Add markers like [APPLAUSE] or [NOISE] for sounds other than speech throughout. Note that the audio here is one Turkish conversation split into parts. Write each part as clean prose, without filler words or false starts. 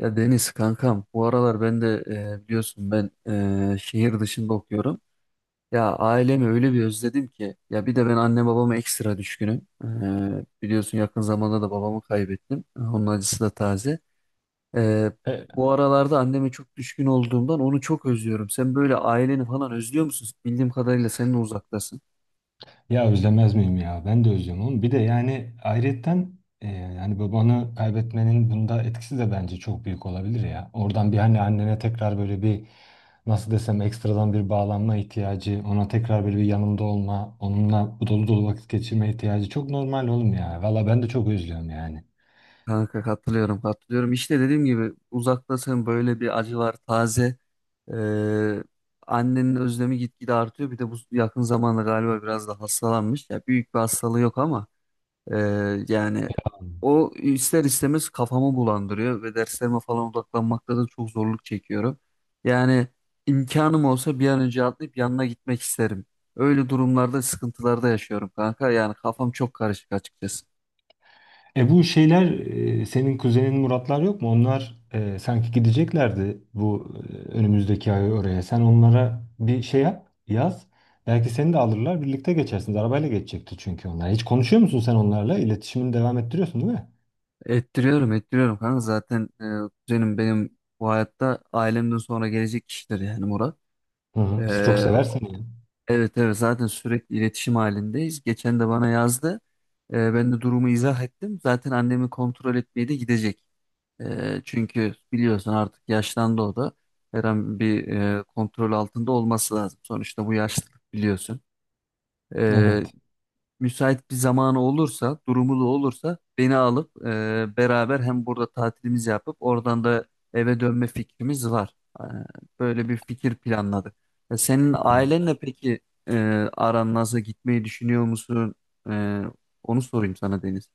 Ya Deniz kankam bu aralar ben de biliyorsun ben şehir dışında okuyorum. Ya ailemi öyle bir özledim ki ya bir de ben anne babama ekstra düşkünüm. Biliyorsun yakın zamanda da babamı kaybettim. Onun acısı da taze. E, E, Bu aralarda anneme çok düşkün olduğumdan onu çok özlüyorum. Sen böyle aileni falan özlüyor musun? Bildiğim kadarıyla sen de uzaktasın. Ya özlemez miyim ya? Ben de özlüyorum oğlum. Bir de yani ayrıyetten yani babanı kaybetmenin bunda etkisi de bence çok büyük olabilir ya. Oradan bir hani annene tekrar böyle bir nasıl desem ekstradan bir bağlanma ihtiyacı, ona tekrar böyle bir yanında olma, onunla dolu dolu vakit geçirme ihtiyacı çok normal oğlum ya. Valla ben de çok özlüyorum yani. Kanka katılıyorum, katılıyorum. İşte dediğim gibi uzaktasın, böyle bir acı var taze. Ee, Annenin özlemi gitgide artıyor. Bir de bu yakın zamanda galiba biraz da hastalanmış. Ya büyük bir hastalığı yok ama yani o ister istemez kafamı bulandırıyor ve derslerime falan odaklanmakta da çok zorluk çekiyorum. Yani imkanım olsa bir an önce atlayıp yanına gitmek isterim. Öyle durumlarda sıkıntılarda yaşıyorum kanka. Yani kafam çok karışık açıkçası. E bu şeyler senin kuzenin Muratlar yok mu? Onlar sanki gideceklerdi bu önümüzdeki ay oraya. Sen onlara bir şey yap, yaz. Belki seni de alırlar, birlikte geçersiniz. Arabayla geçecekti çünkü onlar. Hiç konuşuyor musun sen onlarla? İletişimini devam ettiriyorsun değil mi? Ettiriyorum, ettiriyorum kanka. Zaten kuzenim benim bu hayatta ailemden sonra gelecek kişidir yani Murat. Hı E, hı. Siz çok seversin yani. evet, evet, zaten sürekli iletişim halindeyiz. Geçen de bana yazdı. Ben de durumu izah ettim. Zaten annemi kontrol etmeye de gidecek. Çünkü biliyorsun artık yaşlandı o da. Her an bir kontrol altında olması lazım. Sonuçta bu yaşlılık biliyorsun. E, Evet. Müsait bir zamanı olursa, durumu olursa beni alıp beraber hem burada tatilimizi yapıp oradan da eve dönme fikrimiz var. E, Böyle bir fikir planladık. Senin ailenle peki e, aran nasıl, gitmeyi düşünüyor musun? E, Onu sorayım sana Deniz.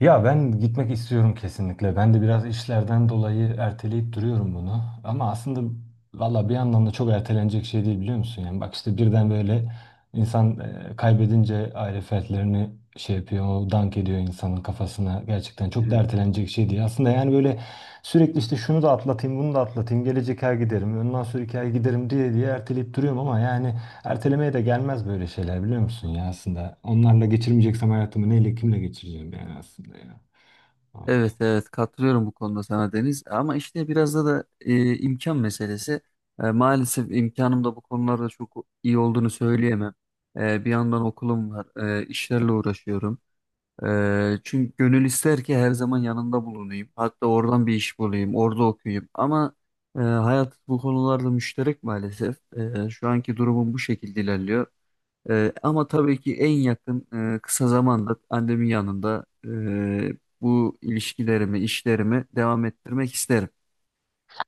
Ya ben gitmek istiyorum kesinlikle. Ben de biraz işlerden dolayı erteleyip duruyorum bunu. Ama aslında valla bir yandan da çok ertelenecek şey değil biliyor musun? Yani bak işte birden böyle insan kaybedince aile fertlerini şey yapıyor, o dank ediyor insanın kafasına. Gerçekten çok da Evet. ertelenecek şey değil. Aslında yani böyle sürekli işte şunu da atlatayım, bunu da atlatayım, gelecek ay giderim, ondan sonra sonraki ay giderim diye diye erteleyip duruyorum ama yani ertelemeye de gelmez böyle şeyler biliyor musun ya aslında. Onlarla geçirmeyeceksem hayatımı neyle kimle geçireceğim yani aslında ya. Evet, Allah. evet, katılıyorum bu konuda sana Deniz ama işte biraz da imkan meselesi. Maalesef imkanım da bu konularda çok iyi olduğunu söyleyemem. Bir yandan okulum var, işlerle uğraşıyorum. Çünkü gönül ister ki her zaman yanında bulunayım. Hatta oradan bir iş bulayım, orada okuyayım. Ama hayat bu konularda müşterek maalesef. Şu anki durumum bu şekilde ilerliyor. Ama tabii ki en yakın kısa zamanda annemin yanında bu ilişkilerimi, işlerimi devam ettirmek isterim.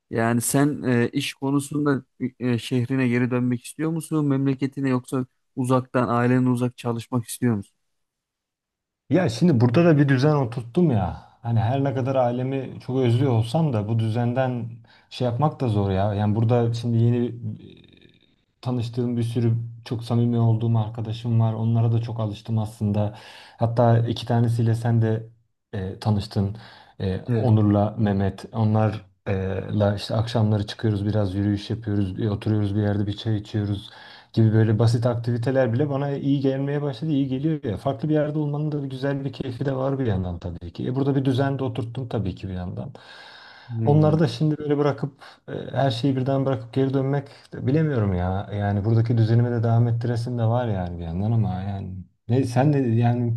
Yani sen iş konusunda şehrine geri dönmek istiyor musun, memleketine, yoksa uzaktan, ailenin uzak çalışmak istiyor musun? Ya şimdi burada da bir düzen oturttum ya. Hani her ne kadar ailemi çok özlüyor olsam da bu düzenden şey yapmak da zor ya. Yani burada şimdi yeni tanıştığım bir sürü çok samimi olduğum arkadaşım var. Onlara da çok alıştım aslında. Hatta iki tanesiyle sen de tanıştın. E, Evet. Onur'la Mehmet. Onlarla işte akşamları çıkıyoruz biraz yürüyüş yapıyoruz. Bir oturuyoruz bir yerde bir çay içiyoruz gibi böyle basit aktiviteler bile bana iyi gelmeye başladı, iyi geliyor ya. Farklı bir yerde olmanın da bir güzel bir keyfi de var bir yandan tabii ki. E burada bir düzen de oturttum tabii ki bir yandan. Onları Hmm. da şimdi böyle bırakıp her şeyi birden bırakıp geri dönmek de bilemiyorum ya. Yani buradaki düzenime de devam ettiresim de var yani bir yandan ama yani ne sen de yani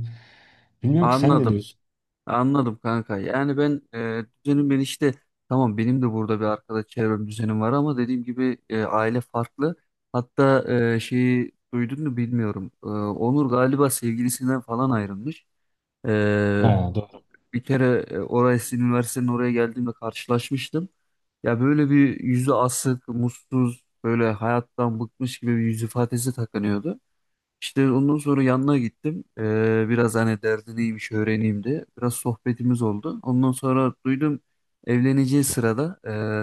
bilmiyorum ki sen ne Anladım. diyorsun? Anladım kanka. Yani ben e, düzenim ben işte tamam, benim de burada bir arkadaş çevrem, düzenim var ama dediğim gibi aile farklı. Hatta şeyi duydun mu bilmiyorum. Onur galiba sevgilisinden falan ayrılmış. E, Ha, doğru. Bir kere oraya, sizin üniversitenin oraya geldiğimde karşılaşmıştım. Ya böyle bir yüzü asık, mutsuz, böyle hayattan bıkmış gibi bir yüz ifadesi takınıyordu. İşte ondan sonra yanına gittim. Biraz hani derdi neymiş öğreneyim diye. Biraz sohbetimiz oldu. Ondan sonra duydum evleneceği sırada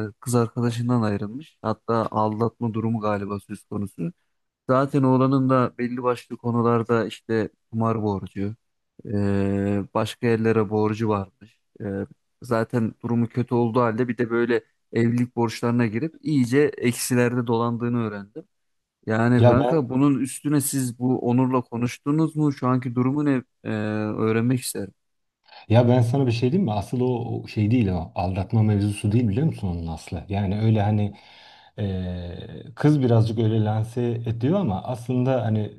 kız arkadaşından ayrılmış. Hatta aldatma durumu galiba söz konusu. Zaten oğlanın da belli başlı konularda işte kumar borcu, e, başka yerlere borcu varmış. Zaten durumu kötü olduğu halde bir de böyle evlilik borçlarına girip iyice eksilerde dolandığını öğrendim. Yani Ya ben kanka, bunun üstüne siz bu Onur'la konuştunuz mu? Şu anki durumu ne? Öğrenmek isterim. Ya ben sana bir şey diyeyim mi? Asıl o şey değil o. Aldatma mevzusu değil biliyor musun onun aslı? Yani öyle hani kız birazcık öyle lanse ediyor ama aslında hani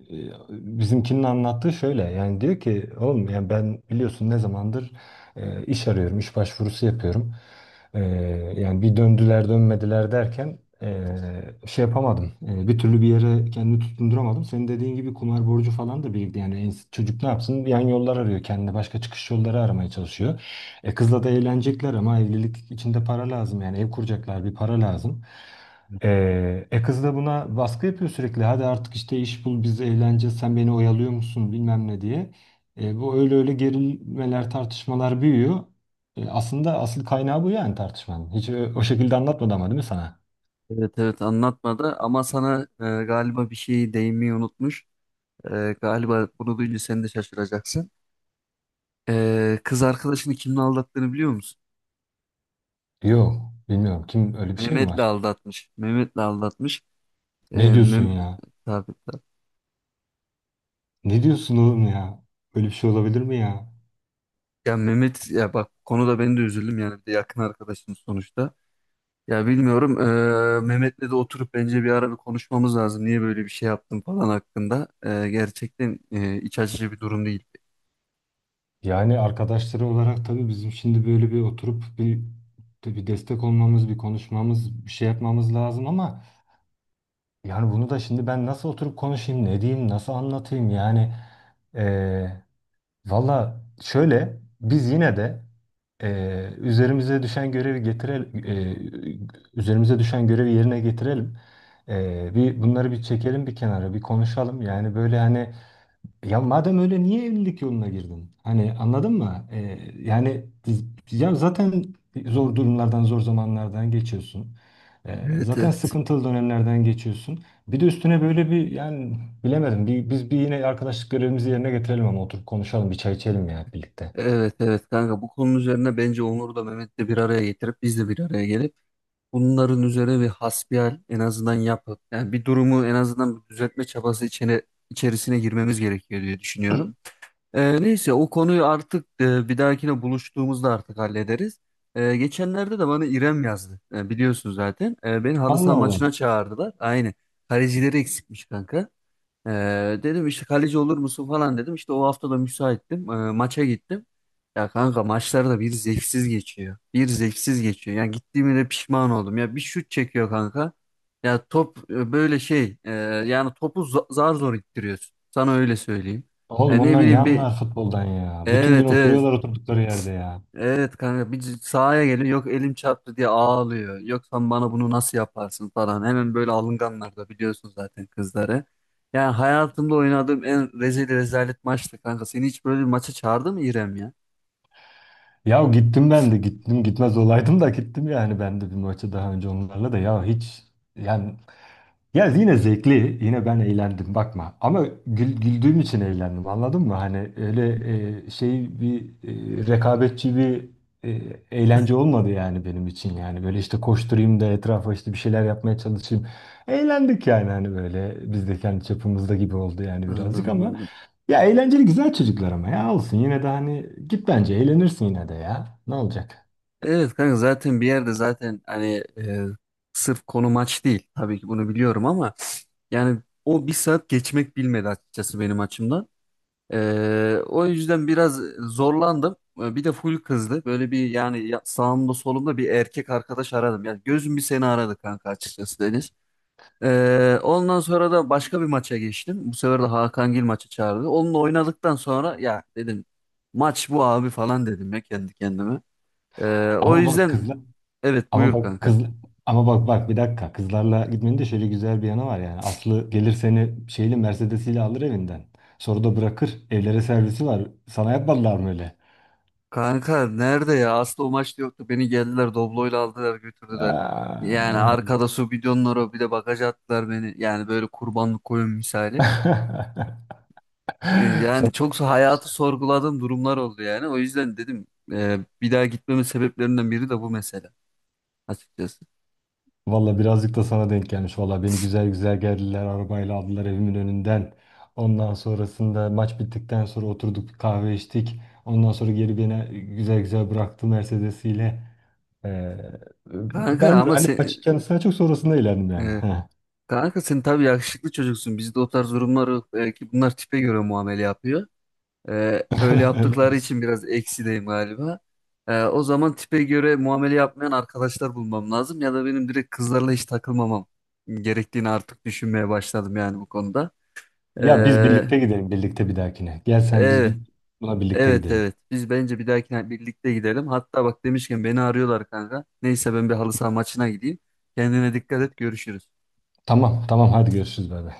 bizimkinin anlattığı şöyle. Yani diyor ki oğlum yani ben biliyorsun ne zamandır iş arıyorum, iş başvurusu yapıyorum. Ee, yani bir döndüler dönmediler derken şey yapamadım. Bir türlü bir yere kendimi tutunduramadım. Senin dediğin gibi kumar borcu falan da birlikte yani çocuk ne yapsın? Yan yollar arıyor kendine başka çıkış yolları aramaya çalışıyor. E, kızla da eğlenecekler ama evlilik içinde para lazım yani ev kuracaklar bir para lazım. Kız da buna baskı yapıyor sürekli. Hadi artık işte iş bul biz eğleneceğiz sen beni oyalıyor musun bilmem ne diye. E, bu öyle öyle gerilmeler tartışmalar büyüyor. E, aslında asıl kaynağı bu yani tartışmanın. Hiç o şekilde anlatmadı ama değil mi sana? Evet, evet, anlatmadı ama sana galiba bir şey değinmeyi unutmuş. Galiba bunu duyunca sen de şaşıracaksın. Kız arkadaşını kimle aldattığını biliyor musun? Yok. Bilmiyorum. Kim öyle bir şey mi Mehmet'le var? aldatmış. Mehmet'le aldatmış. Ne diyorsun Mem ya? Tabii, tabii. Ne diyorsun oğlum ya? Böyle bir şey olabilir mi ya? Ya Mehmet ya, bak konuda ben de üzüldüm yani, bir de yakın arkadaşım sonuçta. Ya bilmiyorum. Mehmet'le de oturup bence bir ara bir konuşmamız lazım. Niye böyle bir şey yaptın falan hakkında. Gerçekten iç açıcı bir durum değil. Yani arkadaşları olarak tabii bizim şimdi böyle bir oturup bir destek olmamız, bir konuşmamız, bir şey yapmamız lazım ama yani bunu da şimdi ben nasıl oturup konuşayım, ne diyeyim, nasıl anlatayım yani? Valla şöyle biz yine de üzerimize düşen görevi yerine getirelim. Bir bunları bir çekelim bir kenara bir konuşalım. Yani böyle hani ya madem öyle niye evlilik yoluna girdin? Hani anladın mı? Yani ya zaten zor durumlardan, zor zamanlardan geçiyorsun. Evet, Zaten evet. sıkıntılı dönemlerden geçiyorsun. Bir de üstüne böyle bir yani bilemedim. Biz bir yine arkadaşlık görevimizi yerine getirelim ama oturup konuşalım, bir çay içelim ya birlikte. Evet, evet kanka, bu konunun üzerine bence Onur'u da Mehmet'le bir araya getirip biz de bir araya gelip bunların üzerine bir hasbihal en azından yapıp, yani bir durumu en azından bir düzeltme çabası içerisine girmemiz gerekiyor diye düşünüyorum. Neyse, o konuyu artık bir dahakine buluştuğumuzda artık hallederiz. Geçenlerde de bana İrem yazdı. Biliyorsun zaten. Beni halı Allah saha Allah. maçına çağırdılar. Aynı. Kalecileri eksikmiş kanka. Ee, Dedim işte kaleci olur musun falan dedim. İşte o hafta da müsaittim. Maça gittim. Ya kanka, maçlar da bir zevksiz geçiyor. Bir zevksiz geçiyor. Yani gittiğime de pişman oldum. Ya bir şut çekiyor kanka. Ya top yani topu zar zor ittiriyorsun. Sana öyle söyleyeyim. Oğlum E, ne onlar ne bileyim bir anlar futboldan ya? Bütün gün Evet, evet. oturuyorlar oturdukları yerde ya. Evet kanka, bir sahaya geliyor yok elim çarptı diye ağlıyor. Yok sen bana bunu nasıl yaparsın falan. Hemen böyle alınganlar da biliyorsun zaten kızları. Yani hayatımda oynadığım en rezil rezalet maçtı kanka. Seni hiç böyle bir maça çağırdı mı İrem ya? Ya gittim ben de gittim gitmez olaydım da gittim yani ben de bir maça daha önce onlarla da ya hiç yani ya yine zevkli, yine ben eğlendim bakma. Ama güldüğüm için eğlendim anladın mı? Hani öyle e, şey bir rekabetçi bir e, eğlence olmadı yani benim için yani. Böyle işte koşturayım da etrafa işte bir şeyler yapmaya çalışayım. Eğlendik yani hani böyle biz de kendi çapımızda gibi oldu yani birazcık Anladım, ama anladım. ya eğlenceli güzel çocuklar ama ya olsun yine de hani git bence eğlenirsin yine de ya. Ne olacak? Evet kanka, zaten bir yerde zaten hani sırf konu maç değil. Tabii ki bunu biliyorum ama yani o bir saat geçmek bilmedi açıkçası benim açımdan. O yüzden biraz zorlandım. Bir de full kızdı. Böyle bir yani sağımda solumda bir erkek arkadaş aradım. Yani gözüm bir seni aradı kanka, açıkçası Deniz. Ondan sonra da başka bir maça geçtim. Bu sefer de Hakan Gil maçı çağırdı. Onunla oynadıktan sonra ya dedim, maç bu abi falan dedim ya kendi kendime. O Ama bak yüzden kızlar Evet, Ama buyur bak kanka. kız ama bak bir dakika. Kızlarla gitmenin de şöyle güzel bir yanı var yani. Aslı gelir seni şeyle Mercedes'iyle alır evinden. Sonra da bırakır. Evlere servisi var. Sana yapmadılar mı öyle? Kanka nerede ya? Aslı o maçta yoktu. Beni geldiler Doblo'yla aldılar götürdüler. Yani Eee. arkada su bidonları, bir de bagaja attılar beni. Yani böyle kurbanlık koyun misali. [LAUGHS] Yani Sana, çok hayatı sorguladığım durumlar oldu yani. O yüzden dedim bir daha gitmemin sebeplerinden biri de bu mesele açıkçası. valla birazcık da sana denk gelmiş. Valla beni güzel güzel geldiler. Arabayla aldılar evimin önünden. Ondan sonrasında maç bittikten sonra oturduk bir kahve içtik. Ondan sonra geri beni güzel güzel bıraktı Mercedes'iyle. Ee, Kanka ben ama hani maçı sen kendisine çok sonrasında eğlendim yani. e, Heh. kanka sen tabii yakışıklı çocuksun. Bizde o tarz durumlar yok. Belki bunlar tipe göre muamele yapıyor. Öyle [LAUGHS] Öyle mi yaptıkları diyorsun? için biraz eksideyim galiba. O zaman tipe göre muamele yapmayan arkadaşlar bulmam lazım ya da benim direkt kızlarla hiç takılmamam gerektiğini artık düşünmeye başladım yani bu konuda. Ya biz Ee, birlikte gidelim birlikte bir dahakine. Gel sen biz bir- evet, buna birlikte gidelim. evet. Biz bence bir dahakine birlikte gidelim. Hatta bak demişken beni arıyorlar kanka. Neyse ben bir halı saha maçına gideyim. Kendine dikkat et, görüşürüz. Tamam tamam hadi görüşürüz bay